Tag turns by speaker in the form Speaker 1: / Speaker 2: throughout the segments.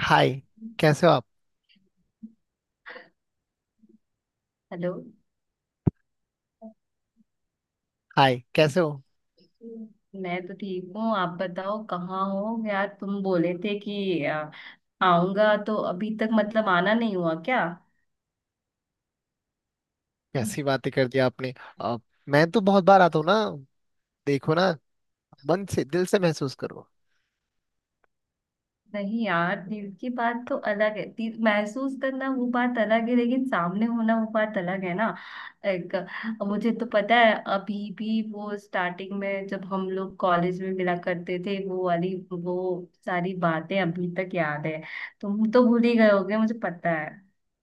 Speaker 1: हाय। कैसे हो आप।
Speaker 2: हेलो।
Speaker 1: हाय कैसे हो।
Speaker 2: मैं तो ठीक हूँ, आप बताओ कहाँ हो यार। तुम बोले थे कि आऊंगा तो अभी तक मतलब आना नहीं हुआ क्या?
Speaker 1: कैसी बातें कर दी आपने। अब मैं तो बहुत बार आता हूँ ना। देखो ना। मन से दिल से महसूस करो।
Speaker 2: नहीं यार, दिल की बात तो अलग है, दिल महसूस करना वो बात अलग है, लेकिन सामने होना वो बात अलग है ना। एक, मुझे तो पता है अभी भी वो, स्टार्टिंग में जब हम लोग कॉलेज में मिला करते थे वो वाली वो सारी बातें अभी तक याद है। तुम तो भूल ही गए होगे, मुझे पता है।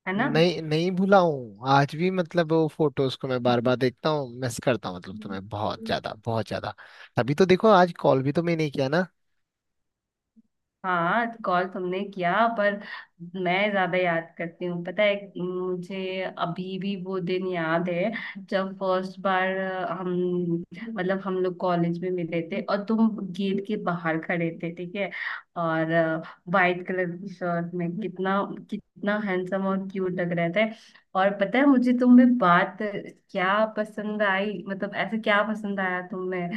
Speaker 2: है ना?
Speaker 1: नहीं नहीं भूला हूँ आज भी मतलब वो फोटोज को मैं बार बार देखता हूँ, मिस करता हूँ, मतलब
Speaker 2: हम्म।
Speaker 1: तुम्हें बहुत ज्यादा बहुत ज्यादा। तभी तो देखो आज कॉल भी तो मैं नहीं किया ना।
Speaker 2: हाँ, कॉल तुमने किया, पर मैं ज्यादा याद करती हूँ। पता है मुझे अभी भी वो दिन याद है जब फर्स्ट बार हम, मतलब हम लोग कॉलेज में मिले थे और तुम गेट के बाहर खड़े थे, ठीक है, और वाइट कलर की शर्ट में कितना कितना हैंडसम और क्यूट लग रहे थे। और पता है मुझे तुम में बात क्या पसंद आई, मतलब ऐसे क्या पसंद आया तुम्हें?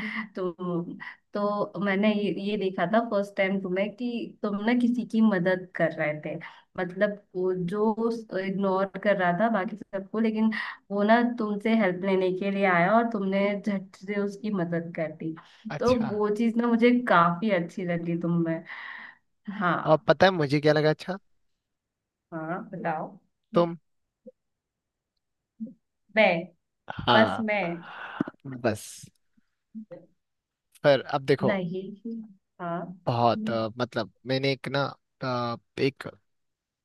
Speaker 2: तो मैंने ये देखा था फर्स्ट टाइम तुम्हें कि तुम ना किसी की मदद कर रहे थे। मतलब वो जो इग्नोर कर रहा था बाकी सबको, लेकिन वो ना तुमसे हेल्प लेने के लिए आया और तुमने झट से उसकी मदद कर दी। तो
Speaker 1: अच्छा
Speaker 2: वो चीज ना मुझे काफी अच्छी लगी तुम में। हाँ,
Speaker 1: और पता है मुझे क्या लगा। अच्छा
Speaker 2: हाँ बताओ।
Speaker 1: तुम।
Speaker 2: मैं? बस
Speaker 1: हाँ
Speaker 2: मैं।
Speaker 1: बस। फिर अब देखो।
Speaker 2: नहीं। हाँ।
Speaker 1: बहुत मतलब मैंने एक ना अ, एक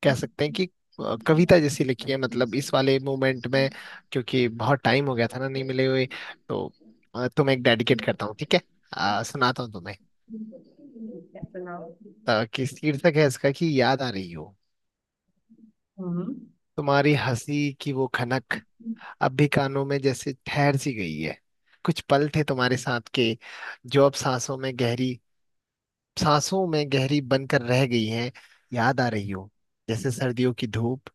Speaker 1: कह सकते हैं कि कविता जैसी लिखी है मतलब इस वाले मोमेंट में, क्योंकि बहुत टाइम हो गया था ना नहीं मिले हुए। तो तुम्हें एक डेडिकेट करता हूँ, ठीक है।
Speaker 2: क्या?
Speaker 1: सुनाता हूँ तुम्हें।
Speaker 2: सुनाओ।
Speaker 1: कि शीर्षक है इसका कि याद आ रही हो।
Speaker 2: हम्म।
Speaker 1: तुम्हारी हंसी की वो खनक अब भी कानों में जैसे ठहर सी गई है। कुछ पल थे तुम्हारे साथ के जो अब सांसों में गहरी बनकर रह गई हैं। याद आ रही हो। जैसे सर्दियों की धूप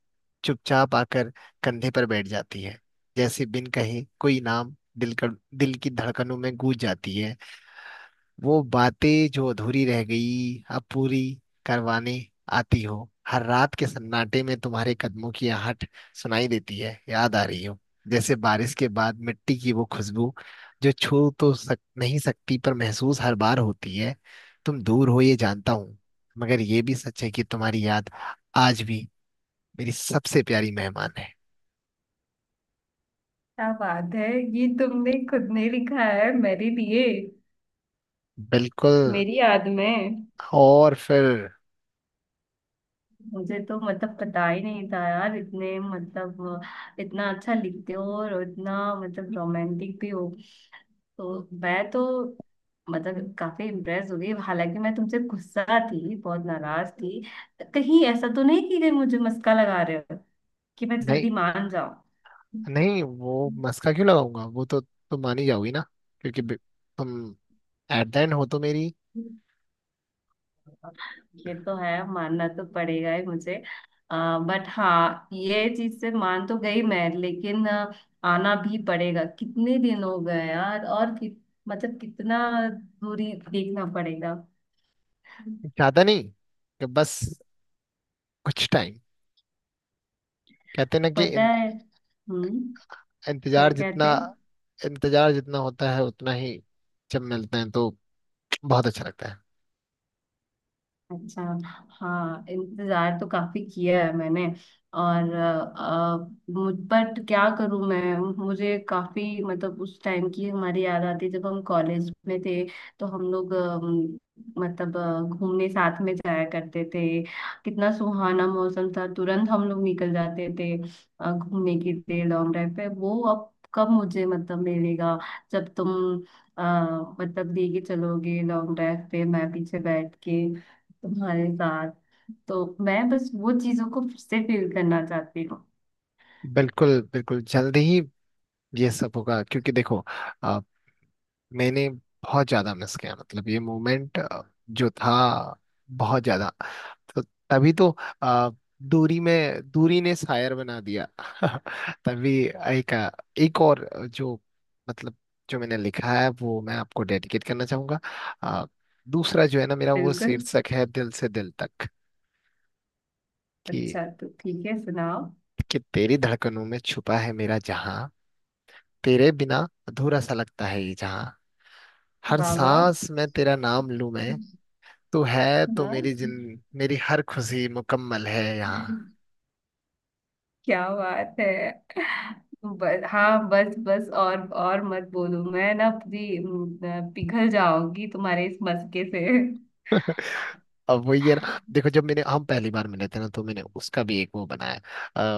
Speaker 1: चुपचाप आकर कंधे पर बैठ जाती है। जैसे बिन कहे कोई नाम दिल कर दिल की धड़कनों में गूंज जाती है। वो बातें जो अधूरी रह गई अब पूरी करवाने आती हो। हर रात के सन्नाटे में तुम्हारे कदमों की आहट सुनाई देती है। याद आ रही हो। जैसे बारिश के बाद मिट्टी की वो खुशबू जो छू तो नहीं सकती पर महसूस हर बार होती है। तुम दूर हो ये जानता हूँ, मगर ये भी सच है कि तुम्हारी याद आज भी मेरी सबसे प्यारी मेहमान है।
Speaker 2: क्या बात है! ये तुमने खुद ने लिखा है मेरे लिए,
Speaker 1: बिल्कुल।
Speaker 2: मेरी याद में?
Speaker 1: और फिर
Speaker 2: मुझे तो मतलब पता ही नहीं था यार, इतने मतलब इतना अच्छा लिखते हो और इतना मतलब रोमांटिक भी हो। तो मैं तो मतलब काफी इम्प्रेस हो गई, हालांकि मैं तुमसे गुस्सा थी, बहुत नाराज थी। कहीं ऐसा तो नहीं कि कहीं मुझे मस्का लगा रहे हो कि मैं
Speaker 1: नहीं
Speaker 2: जल्दी मान जाऊं?
Speaker 1: नहीं वो मस्का क्यों लगाऊंगा, वो तो तुम मान ही जाओगी ना। क्योंकि तुम एट द एंड हो तो मेरी।
Speaker 2: ये तो है, मानना तो पड़ेगा ही मुझे। बट हाँ ये चीज से मान तो गई मैं, लेकिन आना भी पड़ेगा, कितने दिन हो गए यार। और मतलब कितना दूरी देखना पड़ेगा।
Speaker 1: ज्यादा नहीं, कि बस कुछ टाइम। कहते ना कि
Speaker 2: पता है। हम्म। क्या
Speaker 1: इंतजार
Speaker 2: कहते
Speaker 1: जितना।
Speaker 2: हैं?
Speaker 1: इंतजार जितना होता है उतना ही जब मिलते हैं तो बहुत अच्छा लगता है।
Speaker 2: अच्छा। हाँ, इंतजार तो काफी किया है मैंने। और मुझ बट क्या करूं मैं। मुझे काफी मतलब उस टाइम की हमारी याद आती है जब हम कॉलेज में थे, तो हम लोग मतलब घूमने साथ में जाया करते थे। कितना सुहाना मौसम था, तुरंत हम लोग निकल जाते थे घूमने के लिए लॉन्ग ड्राइव पे। वो अब कब मुझे मतलब मिलेगा जब तुम अ, मतलब लेके चलोगे लॉन्ग ड्राइव पे, मैं पीछे बैठ के तुम्हारे साथ। तो मैं बस वो चीजों को फिर से फील करना चाहती हूँ।
Speaker 1: बिल्कुल बिल्कुल जल्दी ही ये सब होगा, क्योंकि देखो मैंने बहुत ज्यादा मिस किया मतलब ये मोमेंट जो था, बहुत ज्यादा। तो तभी तो अ, दूरी में दूरी ने शायर बना दिया तभी एक और जो मतलब जो मैंने लिखा है वो मैं आपको डेडिकेट करना चाहूंगा। अ, दूसरा जो है ना मेरा वो
Speaker 2: बिल्कुल।
Speaker 1: शीर्षक है दिल से दिल तक। कि
Speaker 2: अच्छा तो ठीक है, सुनाओ।
Speaker 1: कि तेरी धड़कनों में छुपा है मेरा जहां। तेरे बिना अधूरा सा लगता है ये जहां। हर
Speaker 2: बाबा।
Speaker 1: सांस में तेरा नाम लूं मैं। तू है तो
Speaker 2: हाँ।
Speaker 1: मेरी जिन मेरी हर खुशी मुकम्मल है यहाँ।
Speaker 2: क्या बात है! बस, हाँ बस बस, और मत बोलो, मैं ना पूरी पिघल जाऊंगी तुम्हारे इस मस्के से।
Speaker 1: अब वही है ना देखो, जब मैंने हम पहली बार मिले थे ना तो मैंने उसका भी एक वो बनाया।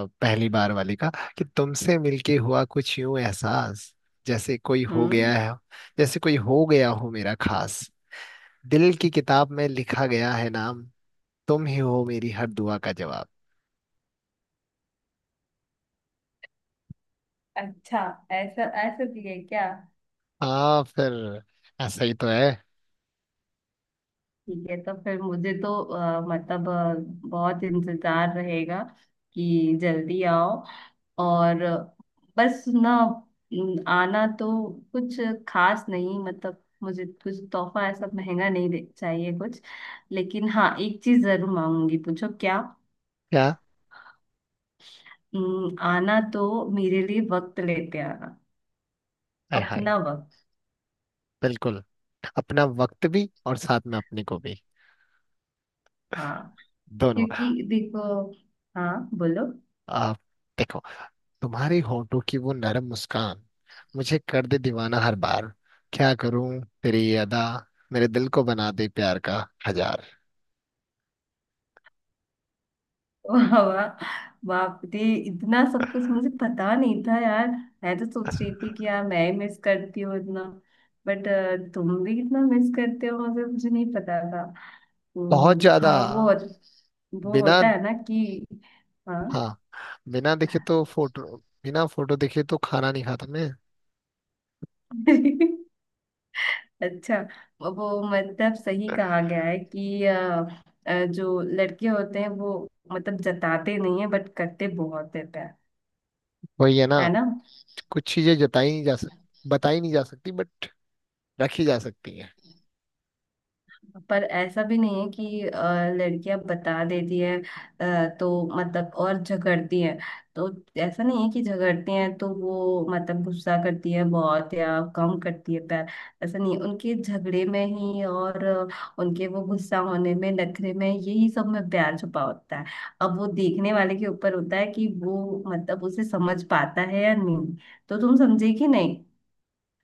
Speaker 1: पहली बार वाली का। कि तुमसे मिलके हुआ कुछ यूं एहसास जैसे कोई हो
Speaker 2: हम्म।
Speaker 1: गया है। जैसे कोई हो गया हो मेरा खास। दिल की किताब में लिखा गया है नाम। तुम ही हो मेरी हर दुआ का जवाब।
Speaker 2: अच्छा, ऐसा ऐसा भी है क्या?
Speaker 1: हाँ फिर ऐसा ही तो है।
Speaker 2: ठीक है तो फिर मुझे तो मतलब बहुत इंतजार रहेगा कि जल्दी आओ। और बस ना, न- आना तो कुछ खास नहीं, मतलब मुझे कुछ तोहफा ऐसा महंगा नहीं दे चाहिए कुछ, लेकिन हाँ एक चीज जरूर मांगूंगी, पूछो क्या।
Speaker 1: क्या।
Speaker 2: न, आना तो मेरे लिए वक्त लेते आना।
Speaker 1: हाय हाय।
Speaker 2: अपना वक्त।
Speaker 1: बिल्कुल। अपना वक्त भी और साथ में अपने को भी,
Speaker 2: हाँ।
Speaker 1: दोनों।
Speaker 2: क्योंकि देखो। हाँ बोलो।
Speaker 1: आप देखो। तुम्हारी होठों की वो नरम मुस्कान मुझे कर दे दीवाना हर बार। क्या करूं तेरी ये अदा मेरे दिल को बना दे प्यार का हजार।
Speaker 2: वाह वाह, बाप रे! इतना सब कुछ मुझे पता नहीं था यार। मैं तो सोच रही थी कि यार मैं ही मिस करती हूँ इतना, बट तुम भी कितना मिस करते हो मुझे, मुझे नहीं पता था।
Speaker 1: बहुत ज्यादा।
Speaker 2: हाँ वो
Speaker 1: बिना।
Speaker 2: होता है ना कि। हाँ।
Speaker 1: हाँ। बिना देखे तो फोटो बिना फोटो देखे तो खाना नहीं खाता मैं।
Speaker 2: अच्छा। वो मतलब सही कहा गया है कि जो लड़के होते हैं वो मतलब जताते नहीं है बट करते बहुत है प्यार।
Speaker 1: वही है ना,
Speaker 2: है ना?
Speaker 1: कुछ चीजें जताई नहीं जा सक बताई नहीं जा सकती बट रखी जा सकती है।
Speaker 2: पर ऐसा भी नहीं है कि लड़कियां बता देती है, तो मतलब और झगड़ती है। तो ऐसा नहीं है कि झगड़ती हैं तो वो मतलब गुस्सा करती है बहुत या कम करती है प्यार, ऐसा नहीं है। उनके झगड़े में ही और उनके वो गुस्सा होने में, नखरे में, यही सब में प्यार छुपा होता है। अब वो देखने वाले के ऊपर होता है कि वो मतलब उसे समझ पाता है या नहीं। तो तुम समझे कि नहीं?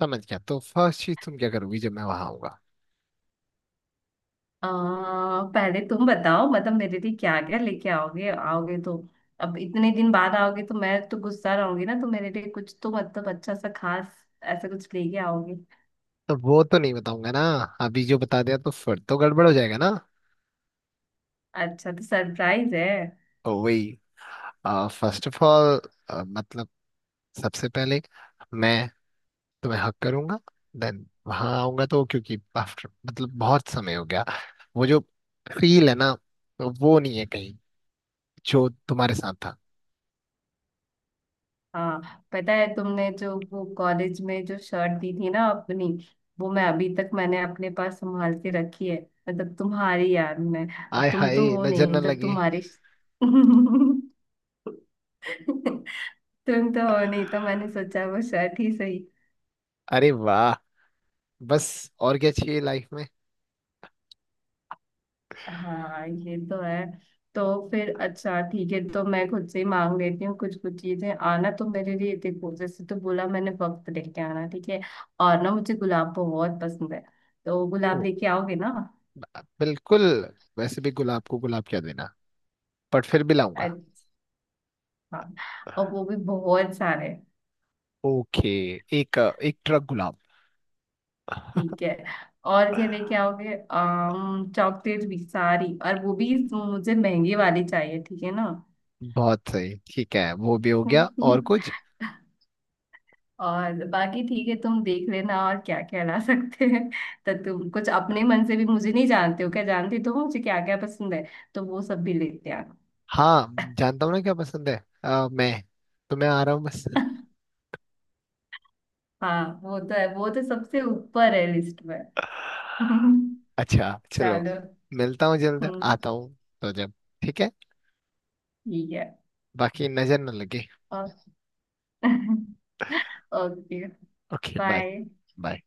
Speaker 1: समझ गया। तो फर्स्ट चीज तुम क्या करोगी जब मैं वहां आऊंगा।
Speaker 2: पहले तुम बताओ मतलब मेरे लिए क्या क्या लेके आओगे। आओगे तो, अब इतने दिन बाद आओगे तो मैं तो गुस्सा रहूंगी ना, तो मेरे लिए कुछ तो मतलब अच्छा सा खास ऐसा कुछ लेके आओगे?
Speaker 1: तो वो तो नहीं बताऊंगा ना। अभी जो बता दिया तो फिर तो गड़बड़ हो जाएगा ना।
Speaker 2: अच्छा तो सरप्राइज है?
Speaker 1: ओ वही। फर्स्ट ऑफ ऑल मतलब सबसे पहले मैं तुम्हें हक करूंगा। देन वहां आऊंगा तो क्योंकि आफ्टर मतलब बहुत समय हो गया। वो जो फील है ना, तो वो नहीं है कहीं जो तुम्हारे साथ था।
Speaker 2: हाँ, पता है तुमने जो वो कॉलेज में जो शर्ट दी थी ना अपनी, वो मैं अभी तक, मैंने अपने पास संभाल के रखी है, मतलब तुम्हारी याद में। अब
Speaker 1: आय
Speaker 2: तुम तो
Speaker 1: हाय
Speaker 2: हो
Speaker 1: नजर न
Speaker 2: नहीं तो
Speaker 1: लगे।
Speaker 2: तुम्हारी। तुम तो हो नहीं तो मैंने सोचा वो शर्ट ही सही।
Speaker 1: अरे वाह। बस और क्या चाहिए लाइफ में।
Speaker 2: हाँ ये तो है। तो फिर अच्छा ठीक है, तो मैं खुद से ही मांग लेती हूँ कुछ कुछ चीजें। आना तो मेरे लिए, देखो जैसे तो बोला मैंने वक्त लेके आना, ठीक है? और ना, मुझे गुलाब बहुत पसंद है, तो
Speaker 1: ओ
Speaker 2: गुलाब लेके आओगे ना?
Speaker 1: बिल्कुल। वैसे भी गुलाब को गुलाब क्या देना, बट फिर भी लाऊंगा।
Speaker 2: अच्छा, और वो भी बहुत सारे।
Speaker 1: ओके। एक एक ट्रक गुलाब।
Speaker 2: ठीक है। और क्या लेके आओगे, आम चॉकलेट भी सारी, और वो भी मुझे महंगी वाली चाहिए ठीक है ना?
Speaker 1: बहुत सही, ठीक है वो भी हो गया और कुछ।
Speaker 2: और बाकी ठीक है तुम देख लेना और क्या क्या ला सकते हैं। तो तुम कुछ अपने मन से भी, मुझे नहीं जानते हो क्या? जानती तो हो, तो मुझे क्या क्या पसंद है तो वो सब भी लेते आना।
Speaker 1: हाँ जानता हूँ ना क्या पसंद है। मैं तो मैं आ रहा हूँ बस।
Speaker 2: हाँ वो तो है, वो तो सबसे ऊपर है लिस्ट में।
Speaker 1: अच्छा चलो।
Speaker 2: चलो।
Speaker 1: मिलता हूँ जल्द
Speaker 2: हम्म।
Speaker 1: आता हूँ। तो जब ठीक है।
Speaker 2: ठीक है।
Speaker 1: बाकी नजर न लगे।
Speaker 2: और okay.
Speaker 1: Okay bye.
Speaker 2: Bye.
Speaker 1: Bye.